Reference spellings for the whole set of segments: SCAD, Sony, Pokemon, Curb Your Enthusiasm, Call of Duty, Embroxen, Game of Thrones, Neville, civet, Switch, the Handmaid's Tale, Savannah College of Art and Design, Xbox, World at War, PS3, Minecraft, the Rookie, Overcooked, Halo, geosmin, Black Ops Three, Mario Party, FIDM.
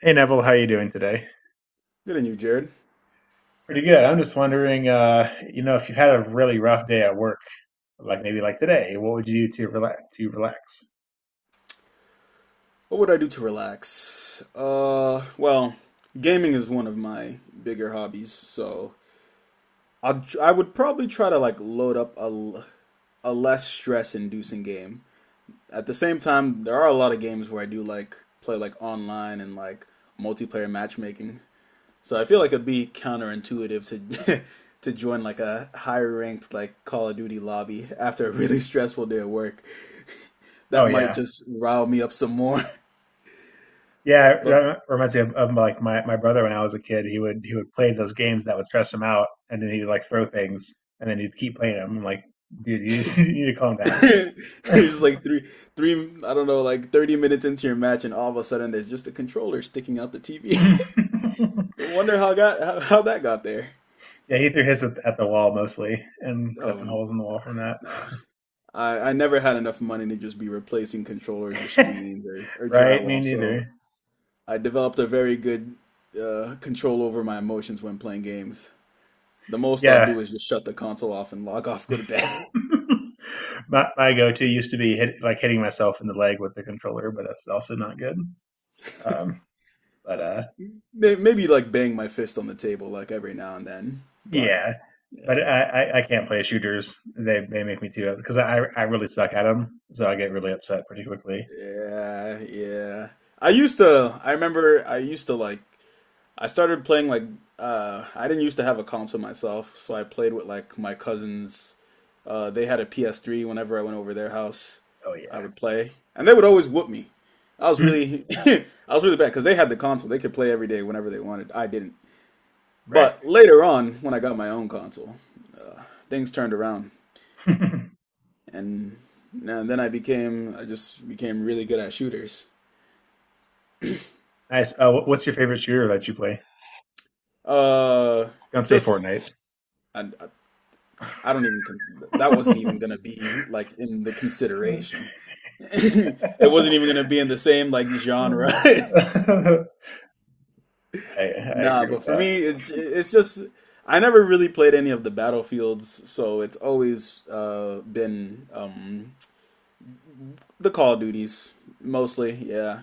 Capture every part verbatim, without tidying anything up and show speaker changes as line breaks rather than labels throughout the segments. Hey Neville, how are you doing today?
Good on you, Jared.
Pretty good. I'm just wondering, uh, you know, if you've had a really rough day at work, like maybe like today, what would you do to relax? To relax?
What would I do to relax? Uh, well, gaming is one of my bigger hobbies, so I would I would probably try to like load up a a less stress-inducing game. At the same time, there are a lot of games where I do like play like online and like multiplayer matchmaking. So I feel like it'd be counterintuitive to to join like a higher ranked like Call of Duty lobby after a really stressful day at work.
Oh
That might
yeah,
just rile me up some more.
yeah,
But
it reminds me of, of like my, my brother when I was a kid. He would he would play those games that would stress him out, and then he'd like throw things, and then he'd keep playing them. I'm like, dude, you, you need to calm down.
It's just like three, three, I don't know, like thirty minutes into your match, and all of a sudden there's just a controller sticking out the T V. Wonder how got how, how that got there.
Yeah, he threw his at, at the wall mostly, and got
Oh,
some holes in the wall from that.
nah. I, I never had enough money to just be replacing controllers or screens or, or
Right? Me
drywall, so
neither.
I developed a very good uh, control over my emotions when playing games. The most I'll
Yeah,
do is just shut the console off and log off, go to bed.
my my go to used to be hit, like hitting myself in the leg with the controller, but that's also not good. Um, but uh,
May- Maybe like bang my fist on the table like every now and then, but
Yeah, but
yeah.
I, I, I can't play shooters. They they make me too because I I really suck at them, so I get really upset pretty quickly.
Yeah, yeah. I used to, I remember I used to like, I started playing like, uh, I didn't used to have a console myself, so I played with like my cousins. Uh, they had a P S three whenever I went over their house,
Oh
I would play, and they would always whoop me. I was
yeah,
really, I was really bad because they had the console. They could play every day whenever they wanted. I didn't.
right.
But later on, when I got my own console, uh, things turned around, and, and then I became, I just became really good at shooters.
Nice. Oh, what's your favorite shooter that you play?
Uh,
Don't say
just
Fortnite.
I, I don't even con- that wasn't
I
even gonna be like in the consideration. It wasn't even gonna be in the same like genre.
I
Nah,
agree
but
with
for
that.
me, it's it's just I never really played any of the battlefields, so it's always uh been um the Call of Duties mostly. Yeah,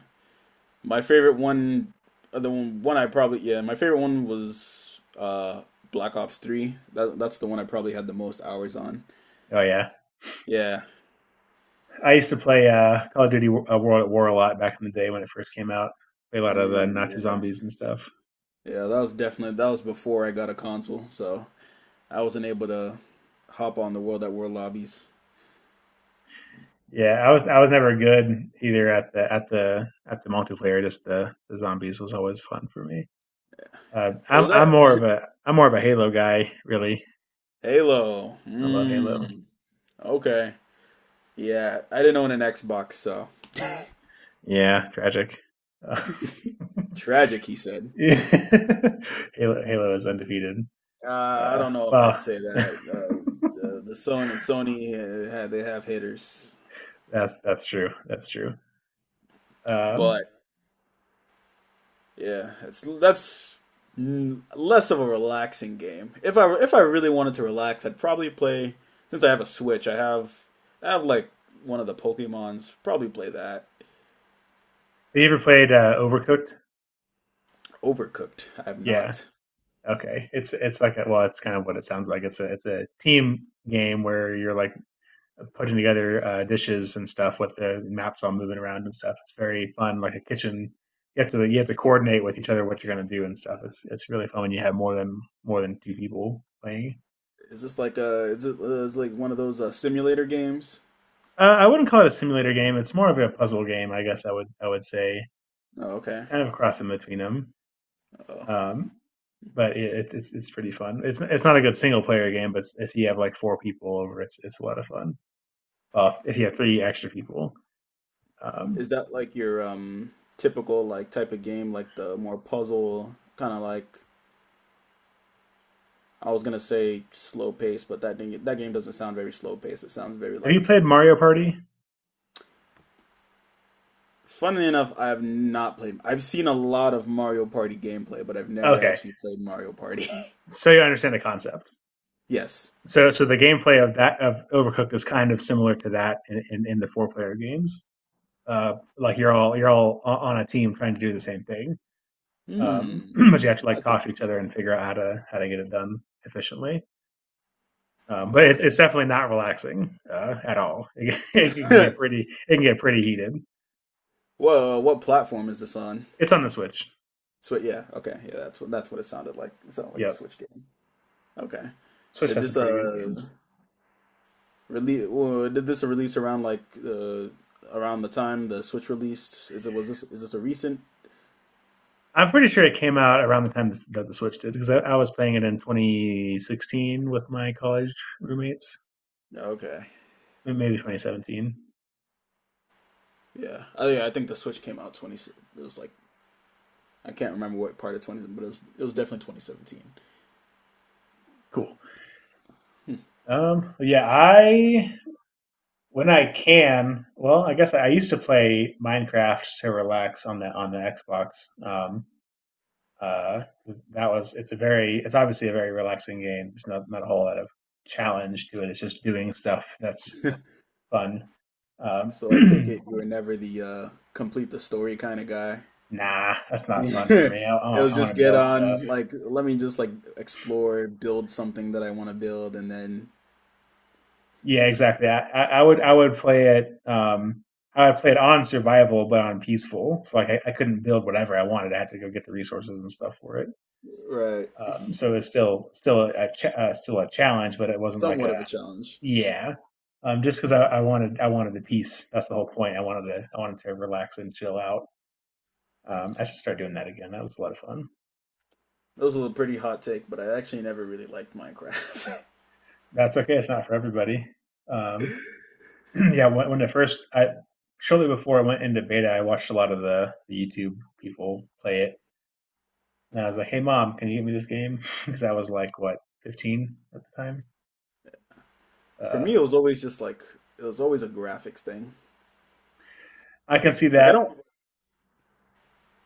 my favorite one, uh, the one one I probably yeah my favorite one was uh Black Ops Three. That that's the one I probably had the most hours on.
Oh yeah.
Yeah.
I used to play uh, Call of Duty, uh, World at War a lot back in the day when it first came out. Play a lot of the
Mm,
Nazi
yeah.
zombies and stuff.
Yeah, that was definitely that was before I got a console, so I wasn't able to hop on the World at War lobbies.
Yeah, I was I was never good either at the at the at the multiplayer. Just the, the zombies was always fun for me. Uh,
It
I'm
was
I'm
that
more of a I'm more of a Halo guy. Really,
Halo.
I love Halo.
Mm, okay. Yeah, I didn't own an Xbox, so
Yeah, tragic. Uh,
tragic. He said.
Halo Halo is undefeated.
Uh, I
Uh,
don't know if I'd
well,
say that. Uh, uh, the Sony Sony uh, had they have hitters,
that's that's true. That's true. Um,
but. Yeah, it's that's mm, less of a relaxing game. If I if I really wanted to relax, I'd probably play since I have a Switch. I have I have like one of the Pokemon's. Probably play that.
have you ever played uh, Overcooked?
Overcooked. I have
Yeah,
not.
okay, it's it's like a, well, it's kind of what it sounds like. It's a it's a team game where you're like putting together uh, dishes and stuff with the maps all moving around and stuff. It's very fun, like a kitchen. You have to you have to coordinate with each other what you're going to do and stuff. It's it's really fun when you have more than more than two people playing.
Is this like a is it uh, is like one of those uh, simulator games?
Uh, I wouldn't call it a simulator game. It's more of a puzzle game, I guess. I would I would say
Oh, okay.
kind of a cross in between them.
Oh,
Um, but it, it's it's pretty fun. It's it's not a good single player game, but it's, if you have like four people over, it's it's a lot of fun. Well, if you have three extra people. Um,
is that like your um typical like type of game like the more puzzle kind of like I was gonna say slow pace, but that didn't, that game doesn't sound very slow pace. It sounds very
have you
like
played Mario Party?
funnily enough, I have not played. I've seen a lot of Mario Party gameplay, but I've never
Okay,
actually played Mario Party.
so you understand the concept.
Yes.
So, so the gameplay of that of Overcooked is kind of similar to that in, in, in the four player games. Uh, like you're all you're all on a team trying to do the same thing, um,
Hmm.
but you have to like
That's
talk to each
interesting.
other and figure out how to how to get it done efficiently. Um, but it's it's
Okay.
definitely not relaxing uh, at all. It, it can get pretty it can get pretty heated.
Whoa, what platform is this on?
It's on the Switch.
So yeah, okay. Yeah, that's what that's what it sounded like. It sounded like a
Yep,
Switch game. Okay.
Switch
Did
has some
this
pretty good
uh
games.
release well, did this release around like uh around the time the Switch released? Is it was this is this a recent?
I'm pretty sure it came out around the time this, that the Switch did because I, I was playing it in twenty sixteen with my college roommates,
Okay.
maybe twenty seventeen.
Yeah. Oh yeah, I think the Switch came out twenty it was like I can't remember what part of twenty, but it was it was definitely twenty seventeen.
Cool. Um, yeah, I when I can, well, I guess I used to play Minecraft to relax on the on the Xbox. Um, uh, that was it's a very it's obviously a very relaxing game. It's not not a whole lot of challenge to it. It's just doing stuff that's fun. Um,
So I take it you were never the uh, complete the story kind of guy.
nah, that's not fun for
It
me. I, I,
was
I want
just
to
get
build stuff.
on like let me just like explore, build something that I want to build, and then
Yeah, exactly. I, I would I would play it. Um, I would play it on survival, but on peaceful. So like I, I couldn't build whatever I wanted. I had to go get the resources and stuff for it.
right
Um, so it's still still a ch- uh, still a challenge, but it wasn't like
somewhat
a
of a challenge. It
yeah. Um, just because I, I wanted I wanted the peace. That's the whole point. I wanted to I wanted to relax and chill out. Um, I should start doing that again. That was a lot of fun.
was a pretty hot take, but I actually never really liked Minecraft.
That's okay. It's not for everybody. Um, yeah, when, when it first, I shortly before I went into beta, I watched a lot of the, the YouTube people play it, and I was like, "Hey, mom, can you get me this game?" Because I was like, what, fifteen at the time.
For
Uh,
me, it was always just like it was always a graphics thing.
I can see
Like I
that.
don't,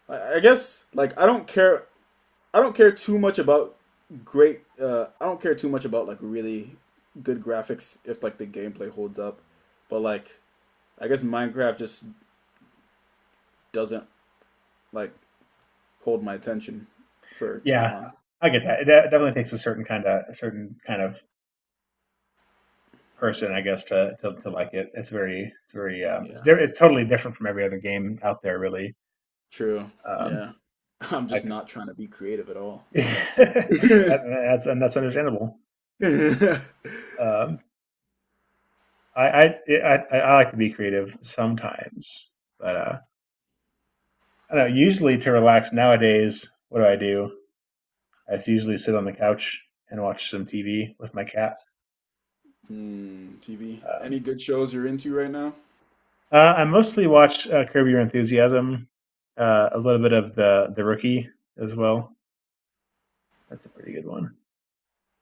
I I guess like I don't care I don't care too much about great. Uh, I don't care too much about like really good graphics if like the gameplay holds up, but like I guess Minecraft just doesn't like hold my attention for too
Yeah,
long.
I get that. It definitely takes a certain kind of a certain kind of person, I guess, to to, to like it. It's very, it's very, um, it's
Yeah,
di- it's totally different from every other game out there, really.
true.
Um,
Yeah, I'm
I,
just not trying to be creative at all.
that, that's and that's understandable. Um, I I, I I like to be creative sometimes, but uh, I don't know. Usually to relax nowadays, what do I do? I usually sit on the couch and watch some T V with my cat.
Hmm, T V.
Um,
Any good shows you're into right now?
uh, I mostly watch uh, Curb Your Enthusiasm, uh, a little bit of the the Rookie as well. That's a pretty good one.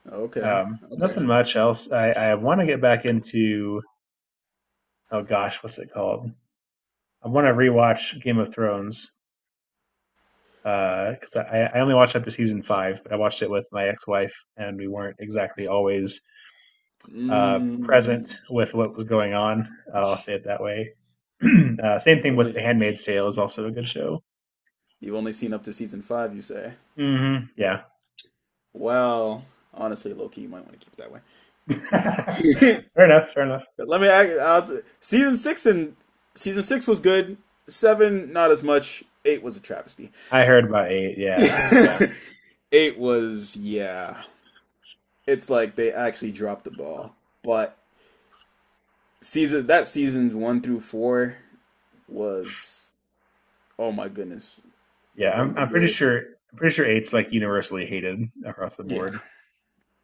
Okay,
Um, nothing
okay.
much else. I, I want to get back into oh gosh, what's it called? I want to rewatch Game of Thrones, because uh, I, I only watched up to season five. But I watched it with my ex-wife, and we weren't exactly always uh, present
Mm,
with what was going on. Uh, I'll say it that way. Uh, same
you've
thing
only
with The
s-
Handmaid's Tale is also a good show.
you've only seen up to season five, you say?
Mm-hmm. Yeah,
Well, honestly, low key, you might want to keep it that way.
fair enough. Fair enough.
But let me act- I'll, t- season six and season six was good. Seven, not as much. Eight was a travesty.
I heard about eight.
Eight
Yeah, yeah,
was yeah. It's like they actually dropped the ball. But season that seasons one through four was oh my goodness,
yeah.
one of
I'm,
the
I'm pretty
greatest.
sure. I'm pretty sure eight's like universally hated across the
Yeah,
board.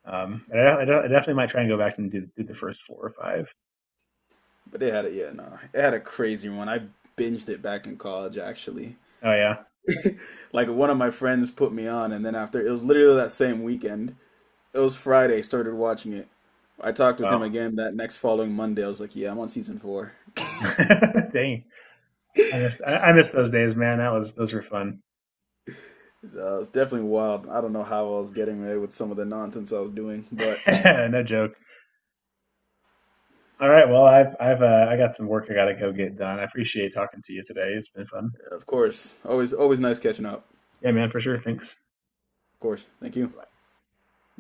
Um, I, I, I definitely might try and go back and do, do the first four or five.
but they had it. Yeah, no, it had a crazy one. I binged it back in college actually.
Oh yeah.
Like one of my friends put me on and then after it was literally that same weekend, it was Friday, started watching it. I talked with him
Wow.
again that next following Monday. I was like, yeah, I'm on season four.
Dang. I missed I, I missed those days, man. That was those were fun.
Uh, it's definitely wild. I don't know how I was getting away with some of the nonsense I was doing, but
No joke. All right, well, I've I've uh, I got some work I got to go get done. I appreciate talking to you today. It's been fun.
of course, always, always nice catching up.
Yeah, man, for sure. Thanks.
Of course, thank you.